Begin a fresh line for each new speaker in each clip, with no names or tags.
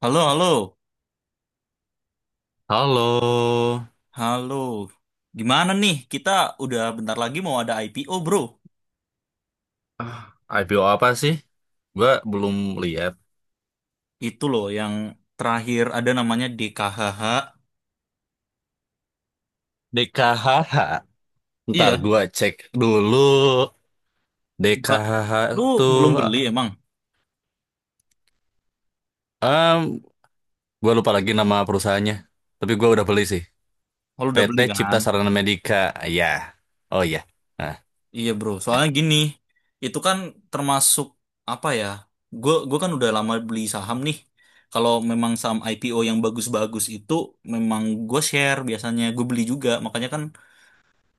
Halo, halo,
Halo,
halo. Gimana nih? Kita udah bentar lagi mau ada IPO, bro.
Ah, IPO apa sih? Gua belum lihat.
Itu loh yang terakhir ada namanya DKHH.
DKHH. Ntar
Iya,
gua cek dulu.
buka.
DKHH
Lu belum
tuh,
beli emang?
em, gua lupa lagi nama perusahaannya. Tapi gua udah beli sih.
Oh, lu udah
PT
beli
Cipta
kan?
Sarana Medika. Ya, oh iya. Nah,
Iya, bro. Soalnya gini, itu kan termasuk apa ya? Gue kan udah lama beli saham nih. Kalau memang saham IPO yang bagus-bagus itu memang gue share biasanya gue beli juga. Makanya kan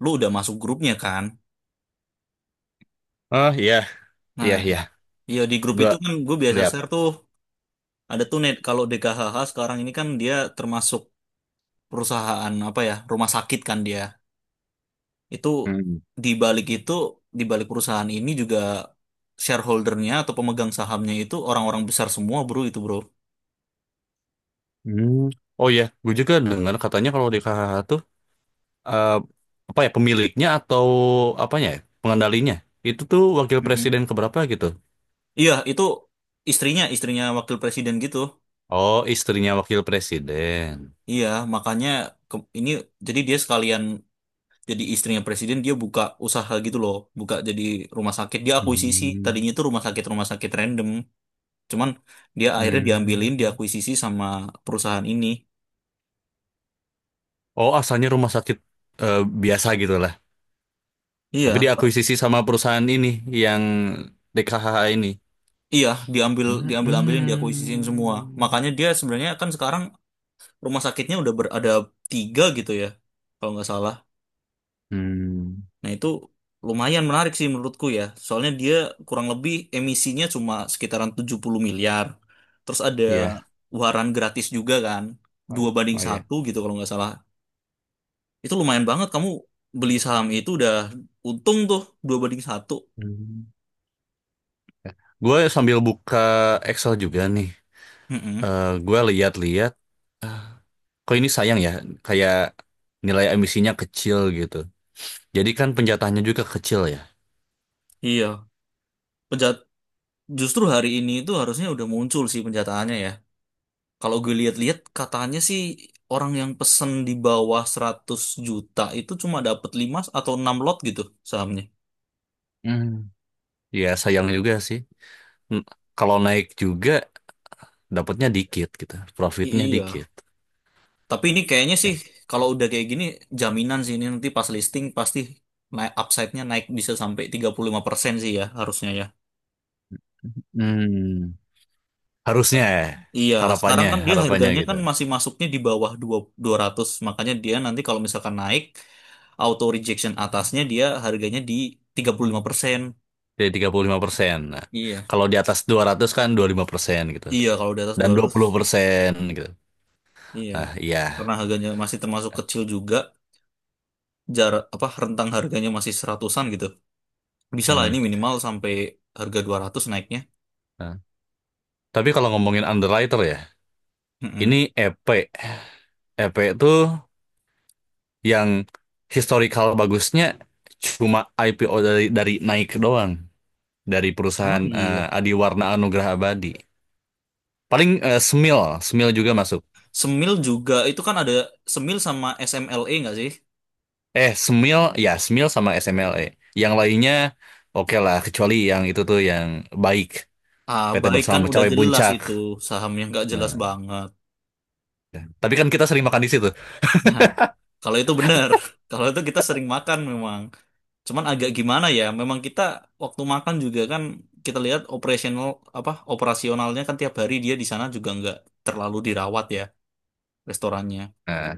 lu udah masuk grupnya kan?
oh iya,
Nah,
iya iya.
iya di grup
Gua
itu kan gue biasa
lihat.
share tuh, ada tuh net, kalau DKHH sekarang ini kan dia termasuk perusahaan apa ya, rumah sakit kan dia. Itu
Hmm.
di balik itu, di balik perusahaan ini juga shareholdernya atau pemegang sahamnya itu orang-orang besar semua bro, itu bro.
Hmm. Oh iya, gue juga dengar katanya kalau DKHH tuh eh, apa ya pemiliknya atau apanya ya, pengendalinya itu tuh wakil
Mm-mm.
presiden keberapa gitu.
Iya, itu istrinya istrinya wakil presiden gitu.
Oh, istrinya wakil presiden.
Iya makanya ini, jadi dia sekalian, jadi istrinya presiden dia buka usaha gitu loh, buka jadi rumah sakit, dia akuisisi
Hmm.
tadinya itu rumah sakit random. Cuman dia akhirnya diambilin,
Hmm.
diakuisisi sama perusahaan ini.
Oh, asalnya rumah sakit eh, biasa gitu lah, tapi
Iya
diakuisisi sama perusahaan ini, yang DKHH ini.
iya diambil diambil ambilin
Hmm.
diakuisisiin semua. Makanya dia sebenarnya kan sekarang rumah sakitnya udah ada tiga gitu ya kalau nggak salah.
Hmm.
Nah, itu lumayan menarik sih menurutku ya. Soalnya dia kurang lebih emisinya cuma sekitaran 70 miliar. Terus ada
Iya,
waran gratis juga kan.
oh
Dua
ya
banding
oh ya.
satu gitu kalau nggak salah. Itu lumayan banget, kamu beli saham itu udah untung tuh 2-1.
Hmm. Gue sambil buka Excel juga nih.
Mm-mm.
Gue lihat-lihat, kok ini sayang ya, kayak nilai emisinya kecil gitu. Jadi kan penjatahannya juga kecil ya.
Iya. Penjat Justru hari ini itu harusnya udah muncul sih penjataannya ya. Kalau gue lihat-lihat katanya sih orang yang pesen di bawah 100 juta itu cuma dapat 5 atau 6 lot gitu sahamnya.
Hmm. Ya sayang juga sih. N- Kalau naik juga dapatnya dikit gitu,
I-
profitnya
Iya.
dikit.
Tapi ini kayaknya sih
Ya.
kalau udah kayak gini, jaminan sih ini nanti pas listing pasti naik, upside-nya naik bisa sampai 35% sih ya, harusnya ya.
Hmm. Harusnya ya,
Iya, sekarang
harapannya,
kan dia
harapannya
harganya
gitu.
kan masih masuknya di bawah dua dua ratus, makanya dia nanti kalau misalkan naik, auto rejection atasnya dia harganya di 35%.
Jadi 35%. Nah,
Iya.
kalau di atas 200 kan 25% gitu.
Iya, kalau di atas
Dan
dua
dua
ratus
puluh persen gitu.
iya.
Ah, iya.
Karena harganya masih termasuk kecil juga, jarak apa rentang harganya masih seratusan gitu. Bisa lah
Hmm.
ini minimal sampai harga 200 naiknya.
Nah, tapi kalau ngomongin underwriter ya, ini
Mm-mm.
EP. EP itu yang historical bagusnya cuma IPO dari Nike doang, dari
Emang
perusahaan
iya.
Adiwarna Anugrah Abadi. Paling Smil, Smil juga masuk.
Semil juga itu kan ada, Semil sama SMLE nggak sih?
Smil, ya Smil sama SMLE. Yang lainnya oke lah, kecuali yang itu tuh yang baik,
Ah,
PT
baik
Bersama
kan udah
Mencapai
jelas
Puncak.
itu saham yang nggak jelas
Nah,
banget.
tapi kan kita sering makan di situ.
Nah, kalau itu benar. Kalau itu kita sering makan memang. Cuman agak gimana ya? Memang kita waktu makan juga kan kita lihat operasional, apa, operasionalnya kan tiap hari dia di sana juga nggak terlalu dirawat ya restorannya.
Nah,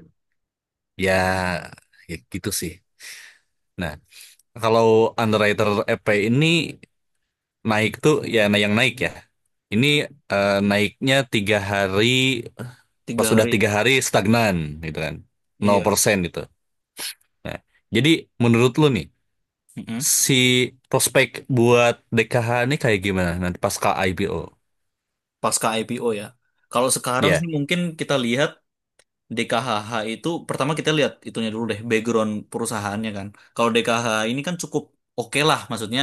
ya, ya gitu sih. Nah, kalau underwriter EP ini naik tuh ya, nah yang naik ya. Ini naiknya 3 hari. Pas
Tiga
sudah
hari.
3 hari stagnan gitu kan, nol
Iya.
persen gitu, nah, jadi menurut lu nih,
Mm-mm.
si prospek buat DKH ini kayak gimana nanti pasca IPO
Pasca IPO ya. Kalau sekarang sih
ya?
mungkin kita lihat DKHH itu, pertama kita lihat itunya dulu deh, background perusahaannya kan. Kalau DKH ini kan cukup oke lah, maksudnya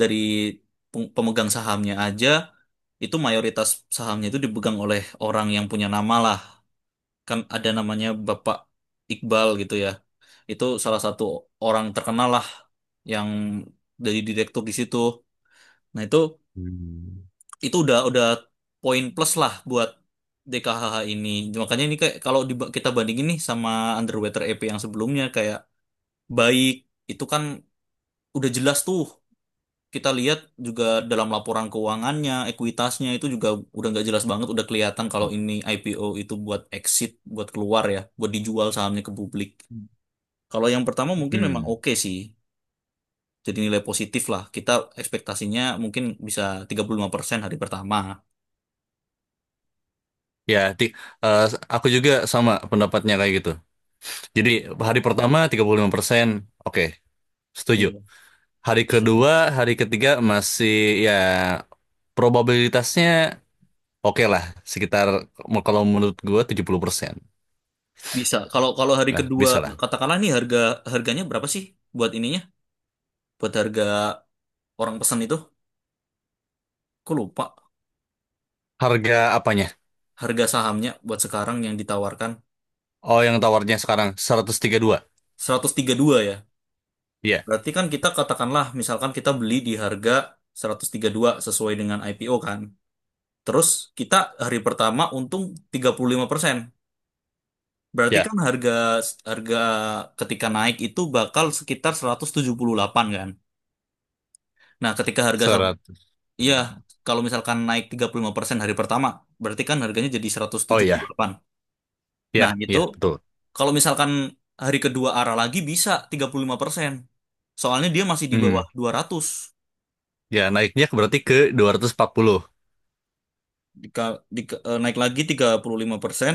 dari pemegang sahamnya aja, itu mayoritas sahamnya itu dipegang oleh orang yang punya nama lah. Kan ada namanya Bapak Iqbal gitu ya. Itu salah satu orang terkenal lah yang dari direktur di situ. Nah itu
Hmm.
itu udah poin plus lah buat DKHH ini. Makanya ini kayak kalau kita bandingin nih sama Underwater EP yang sebelumnya, kayak baik itu kan udah jelas tuh. Kita lihat juga dalam laporan keuangannya, ekuitasnya itu juga udah nggak jelas banget, udah kelihatan kalau ini IPO itu buat exit, buat keluar ya, buat dijual sahamnya ke publik. Kalau yang pertama mungkin memang
Hmm.
oke sih. Jadi nilai positif lah. Kita ekspektasinya mungkin bisa 35% hari pertama.
ya ti eh, aku juga sama pendapatnya kayak gitu, jadi hari pertama 35%. Oke, setuju.
Iya,
Hari
bisa sih.
kedua, hari ketiga masih ya, probabilitasnya oke lah. Sekitar, kalau menurut gue 70%.
Bisa. Kalau kalau hari
Nah,
kedua,
bisa lah.
katakanlah nih harganya berapa sih buat ininya? Buat harga orang pesan itu? Aku lupa
Harga apanya?
harga sahamnya buat sekarang yang ditawarkan
Oh, yang tawarnya sekarang 132.
132 ya.
Iya,
Berarti kan kita katakanlah misalkan kita beli di harga 132 sesuai dengan IPO kan. Terus kita hari pertama untung 35%. Berarti
ya.
kan harga harga ketika naik itu bakal sekitar 178 kan. Nah, ketika harga.
seratus
Iya, kalau misalkan naik 35% hari pertama, berarti kan harganya jadi
Oh iya,
178. Nah,
ya,
itu
ya, betul.
kalau misalkan hari kedua arah lagi, bisa 35%. Soalnya dia masih di
Hmm,
bawah 200.
ya naiknya berarti ke 240.
Dika, dika- eh, Naik lagi 35%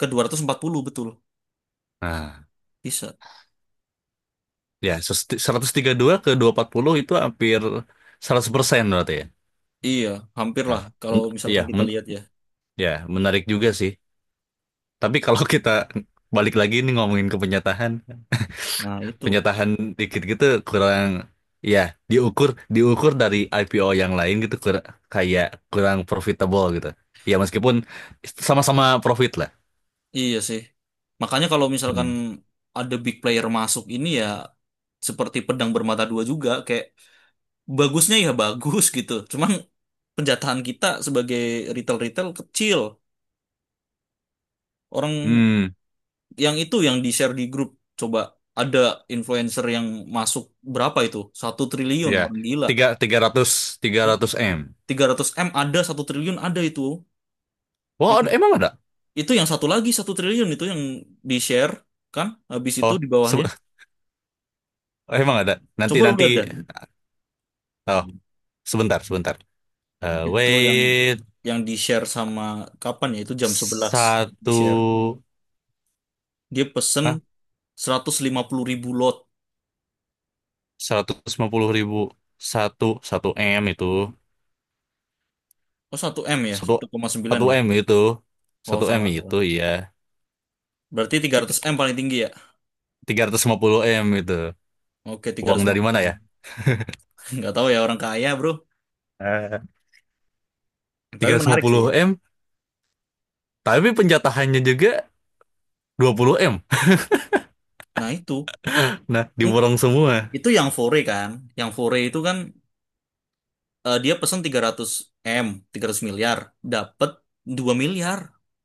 ke 240, betul.
Nah,
Bisa.
ya 132 ke 240 itu hampir 100% berarti ya.
Iya, hampir
Nah,
lah kalau
men- ya,
misalkan kita
men-
lihat ya.
ya, menarik juga sih. Tapi kalau kita balik lagi nih ngomongin ke penyatahan,
Nah, itu.
penyatahan dikit gitu, kurang ya, diukur diukur dari IPO yang lain gitu, kayak kurang profitable gitu. Ya meskipun sama-sama profit lah.
Iya sih. Makanya kalau misalkan
Hmm.
ada big player masuk ini ya, seperti pedang bermata dua juga, kayak, bagusnya ya bagus gitu. Cuman penjatahan kita sebagai retail-retail kecil. Orang
Hmm,
yang itu, yang di-share di grup. Coba ada influencer yang masuk, berapa itu? 1 triliun,
ya.
orang gila.
Tiga Tiga ratus tiga ratus M.
Tiga ratus m ada, 1 triliun ada itu.
Wah,
Yang,
emang ada?
itu yang satu lagi, 1 triliun itu yang di-share kan? Habis itu
Oh,
di bawahnya.
sebe- emang ada. Nanti
Coba lu
nanti.
lihat dah.
Oh, sebentar sebentar. Eh,
Itu yang
wait
di-share sama, kapan ya? Itu jam 11
satu.
di-share. Dia pesen 150.000 lot.
150.000, satu satu m itu,
Oh 1 m ya,
satu
1,9
satu
ya.
m itu,
Oh
satu m
salah
itu
salah.
iya.
Berarti 300 m paling tinggi ya?
Tiga ratus lima puluh m itu,
Oke,
uang dari mana
350.
ya?
Nggak tahu ya, orang kaya bro.
Eh. Tiga
Tapi
ratus lima
menarik
puluh
sih.
m, tapi penjatahannya juga 20 M,
Nah itu.
nah
Hmm,
diborong semua.
itu yang fore kan. Yang fore itu kan dia pesen 300 m, 300 miliar. Dapat 2 miliar.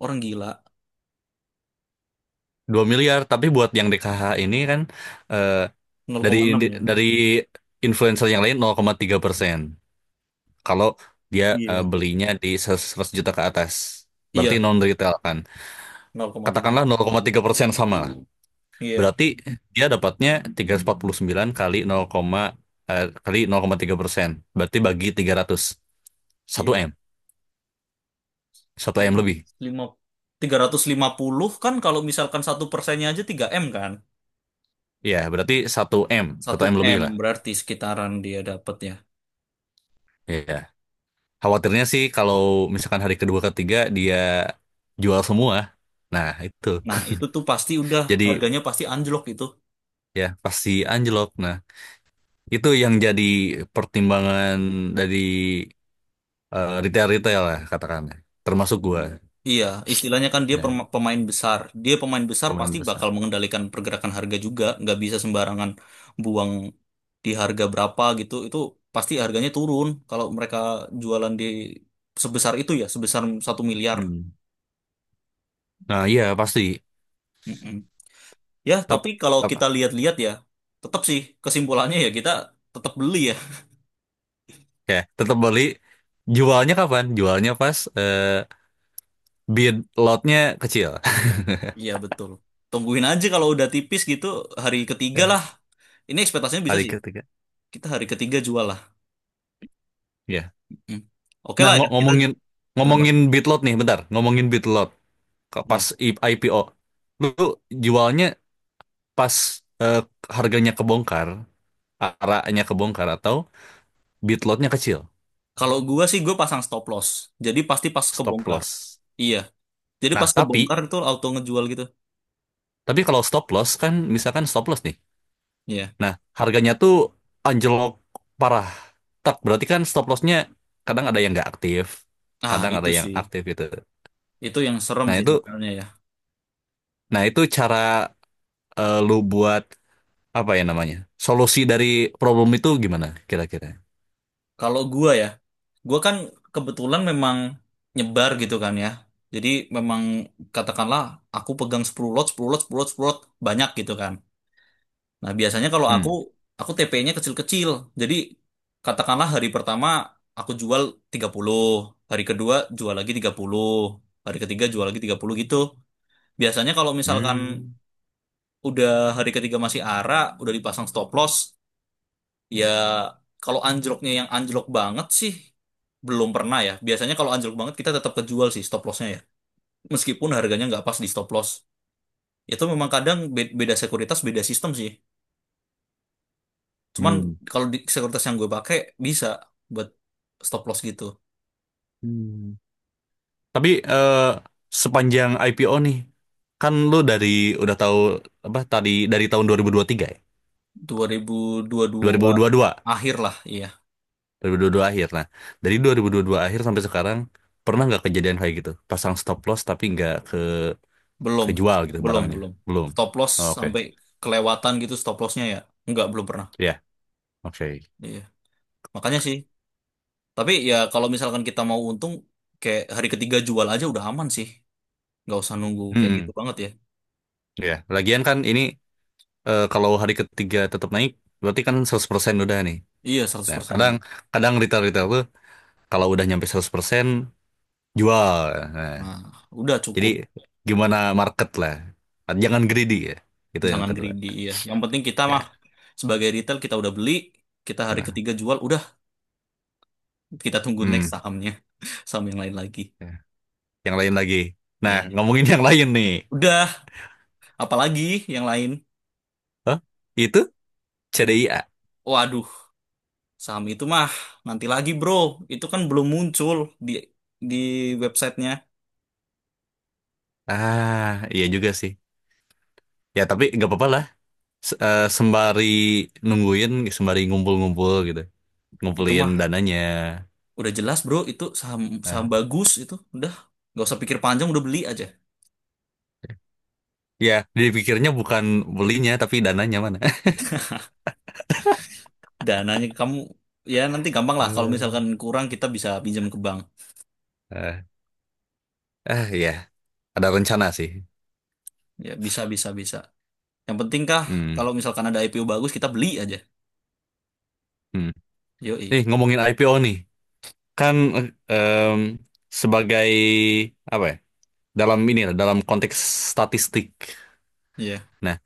Orang gila.
2 miliar tapi buat yang DKH ini kan, eh,
Nol
dari
koma enam ya.
dari influencer yang lain nol koma tiga persen. Kalau dia
Iya.
belinya di 100 juta ke atas, berarti
Iya,
non retail kan,
0,3.
katakanlah 0,3% sama.
Iya,
Berarti dia dapatnya 349 kali 0, kali 0,3%. Berarti bagi 300.
iya.
1M. Satu m, satu M lebih.
Lima- Tiga ratus lima lima puluh kan, kalau misalkan satu persennya aja 3 m kan.
Ya, berarti satu m, satu
Satu
m lebih
M
lah.
berarti sekitaran dia dapatnya.
Ya. Khawatirnya sih kalau misalkan hari kedua ketiga dia jual semua. Nah, itu.
Nah, itu tuh pasti udah,
Jadi
harganya pasti anjlok itu.
ya pasti anjlok. Nah, itu yang jadi pertimbangan dari retail-retail lah, katakanlah. Termasuk gua.
Iya, istilahnya kan dia
Ya,
pemain besar. Dia pemain besar
pemain
pasti
besar.
bakal mengendalikan pergerakan harga juga. Nggak bisa sembarangan buang di harga berapa gitu. Itu pasti harganya turun kalau mereka jualan di sebesar itu ya, sebesar 1 miliar.
Hmm. Nah, iya pasti.
Mm-mm. Ya,
Tet
tapi kalau
apa?
kita lihat-lihat ya, tetap sih kesimpulannya ya, kita tetap beli ya.
Ya, tetap beli. Jualnya kapan? Jualnya pas bid lotnya kecil.
Iya betul. Tungguin aja kalau udah tipis gitu, hari ketiga
Ya,
lah. Ini ekspektasinya bisa
hari
sih.
ketiga.
Kita hari ketiga jual lah.
Ya.
Hmm. Oke
Nah,
lah ya. Kita
ngomongin
kenapa?
ngomongin bid lot nih, bentar. Ngomongin bid lot. Pas
Iya.
IPO. Lu jualnya pas eh, harganya kebongkar, arahnya kebongkar atau bid lotnya kecil.
Kalau gua sih gua pasang stop loss. Jadi pasti pas
Stop
kebongkar.
loss.
Iya. Jadi
Nah,
pas kebongkar itu auto ngejual gitu.
tapi kalau stop loss kan misalkan stop loss nih.
Iya.
Nah, harganya tuh anjlok parah. Tak berarti kan stop lossnya kadang ada yang nggak aktif,
Ah
kadang ada
itu
yang
sih.
aktif gitu.
Itu yang serem
Nah
sih
itu,
sebenarnya ya.
nah itu cara lu buat apa ya namanya? Solusi dari problem itu gimana kira-kira?
Kalau gua ya, gua kan kebetulan memang nyebar gitu kan ya. Jadi memang katakanlah aku pegang 10 lot, 10 lot, 10 lot, 10 lot, banyak gitu kan. Nah, biasanya kalau aku,
Hmm.
aku TP-nya kecil-kecil. Jadi, katakanlah hari pertama aku jual 30, hari kedua jual lagi 30, hari ketiga jual lagi 30 gitu. Biasanya kalau misalkan
Hmm.
udah hari ketiga masih arah udah dipasang stop loss, ya kalau anjloknya, yang anjlok banget sih belum pernah ya. Biasanya kalau anjlok banget kita tetap kejual sih stop lossnya ya. Meskipun harganya nggak pas di stop loss. Itu memang kadang beda sekuritas, beda sistem sih. Cuman
Hmm.
kalau di sekuritas yang gue pakai bisa buat stop loss gitu.
Hmm. Tapi sepanjang IPO nih, kan lu dari udah tahu apa tadi dari tahun 2023 ya?
2022
2022.
akhir lah, iya.
2022 akhir. Nah, dari 2022 akhir sampai sekarang pernah nggak kejadian kayak gitu? Pasang stop loss tapi nggak
Belum,
kejual gitu
belum,
barangnya.
belum.
Belum.
Stop loss
Oh, oke.
sampai kelewatan gitu stop lossnya ya. Enggak, belum pernah.
Ya, oke.
Iya. Makanya sih. Tapi ya kalau misalkan kita mau untung, kayak hari ketiga jual aja udah aman sih. Nggak usah nunggu kayak gitu
Hmm.
banget ya.
Ya, lagian kan ini kalau hari ketiga tetap naik berarti kan 100% udah nih.
Iya, seratus
Nah,
persen
kadang
untung.
kadang retail-retail tuh kalau udah nyampe 100% jual. Nah,
Nah, udah
jadi
cukup.
gimana market lah. Jangan greedy ya. Itu yang
Jangan
kedua.
greedy, iya. Yang penting kita mah
Ya.
sebagai retail kita udah beli, kita hari
Nah,
ketiga jual, udah. Kita tunggu
hmm.
next sahamnya. Saham yang lain lagi.
Ya. Yang lain lagi. Nah,
Iya.
ngomongin yang lain nih.
Udah, apalagi yang lain?
Hah? Itu CDIA.
Waduh, saham itu mah nanti lagi bro. Itu kan belum muncul di di websitenya.
Ah, iya juga sih. Ya, tapi nggak apa-apa lah. Sembari nungguin, sembari ngumpul-ngumpul gitu.
Itu
Ngumpulin
mah
dananya.
udah jelas bro, itu saham saham
Nah,
bagus itu. Udah, nggak usah pikir panjang, udah beli aja.
ya, dipikirnya bukan belinya, tapi dananya mana.
Dananya kamu ya nanti gampang lah. Kalau misalkan
Hmm.
kurang kita bisa pinjam ke bank.
Ah, ah, ya. Ada rencana sih.
Ya bisa bisa bisa. Yang penting kah
Hmm.
kalau misalkan ada IPO bagus kita beli aja.
Hmm.
Yoi.
Nih, ngomongin IPO nih. Kan sebagai, apa ya, dalam ini lah, dalam konteks statistik.
Iya,
Nah,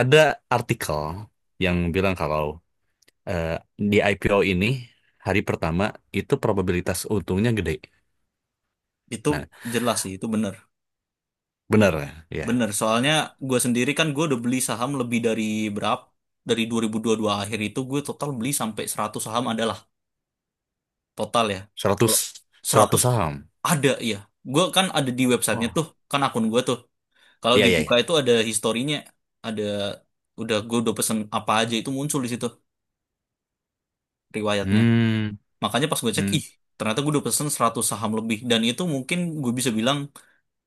ada artikel yang bilang kalau eh, di IPO ini hari pertama itu probabilitas untungnya gede.
itu
Nah,
jelas sih, itu benar.
benar ya.
Bener, soalnya gue sendiri kan, gue udah beli saham lebih dari berapa? Dari 2022 akhir itu gue total beli sampai 100 saham adalah total ya. Kalau
100
100
100 saham.
ada ya. Gue kan ada di websitenya
Wah.
tuh, kan akun gue tuh. Kalau
Iya, iya,
dibuka
iya.
itu ada historinya, ada, udah gue udah pesen apa aja itu muncul di situ, riwayatnya.
Hmm.
Makanya pas gue cek,
Hmm.
ih ternyata gue udah pesen 100 saham lebih. Dan itu mungkin gue bisa bilang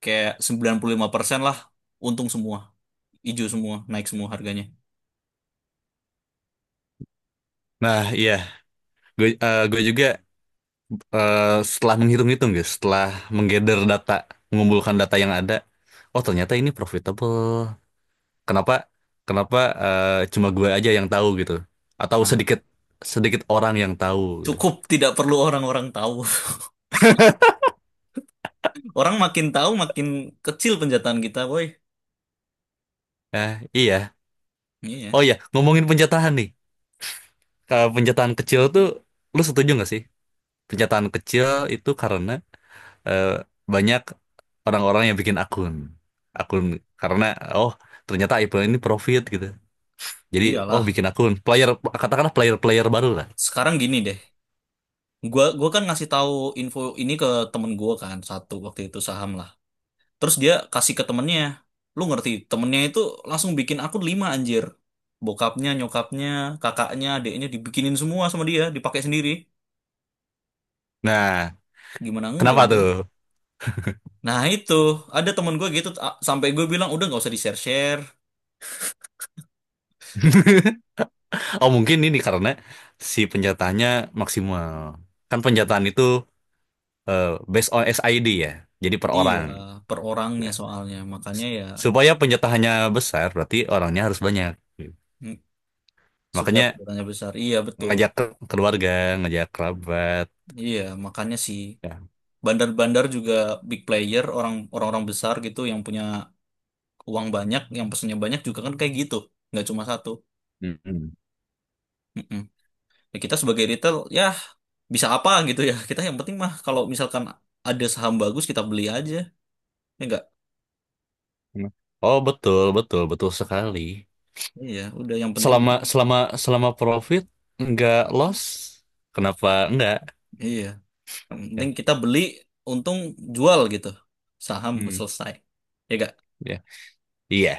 kayak 95% lah untung semua, hijau semua, naik semua harganya.
Nah, iya. Gue juga eh, setelah menghitung-hitung guys, setelah menggather data, mengumpulkan data yang ada, oh ternyata ini profitable. Kenapa Kenapa eh, cuma gue aja yang tahu gitu atau
Nah.
sedikit sedikit orang yang tahu. Gitu.
Cukup tidak perlu orang-orang tahu. Orang makin tahu makin kecil penjataan kita, boy.
Nah, iya.
Iya,
Oh iya, ngomongin penjatahan nih. Kalau penjataan kecil tuh lu setuju nggak sih? Penjataan kecil itu karena eh, banyak orang-orang yang bikin akun. Akun karena oh ternyata IPL ini profit gitu. Jadi oh bikin
iyalah.
akun player, katakanlah player-player baru lah.
Sekarang gini deh. Gua kan ngasih tahu info ini ke temen gua kan, satu waktu itu saham lah. Terus dia kasih ke temennya. Lu ngerti, temennya itu langsung bikin akun 5 anjir. Bokapnya, nyokapnya, kakaknya, adiknya dibikinin semua sama dia, dipakai sendiri.
Nah,
Gimana enggak,
kenapa
bro?
tuh?
Nah itu, ada temen gue gitu, sampai gue bilang udah nggak usah di-share-share.
Oh mungkin ini karena si penjataannya maksimal. Kan penjataan itu eh, based on SID ya. Jadi per
Iya,
orang.
per orangnya
Nah,
soalnya. Makanya ya
supaya penjatahannya besar berarti orangnya harus banyak.
mm, supaya
Makanya
perusahaannya besar. Iya, betul.
ngajak ke keluarga, ngajak kerabat.
Iya, makanya sih
Ya.
bandar-bandar juga big player, orang-orang besar gitu yang punya uang banyak, yang pesennya banyak juga kan kayak gitu. Nggak cuma satu.
Mm-mm.
Mm-mm. Ya, kita sebagai retail ya bisa apa gitu ya. Kita yang penting mah kalau misalkan ada saham bagus kita beli aja. Ya enggak?
Oh betul, betul, betul sekali.
Iya, udah yang penting
Selama
kita,
selama Selama profit nggak loss, kenapa enggak?
iya, yang
Ya.
penting kita beli untung jual gitu. Saham
Hmm,
selesai. Ya enggak?
ya. Iya,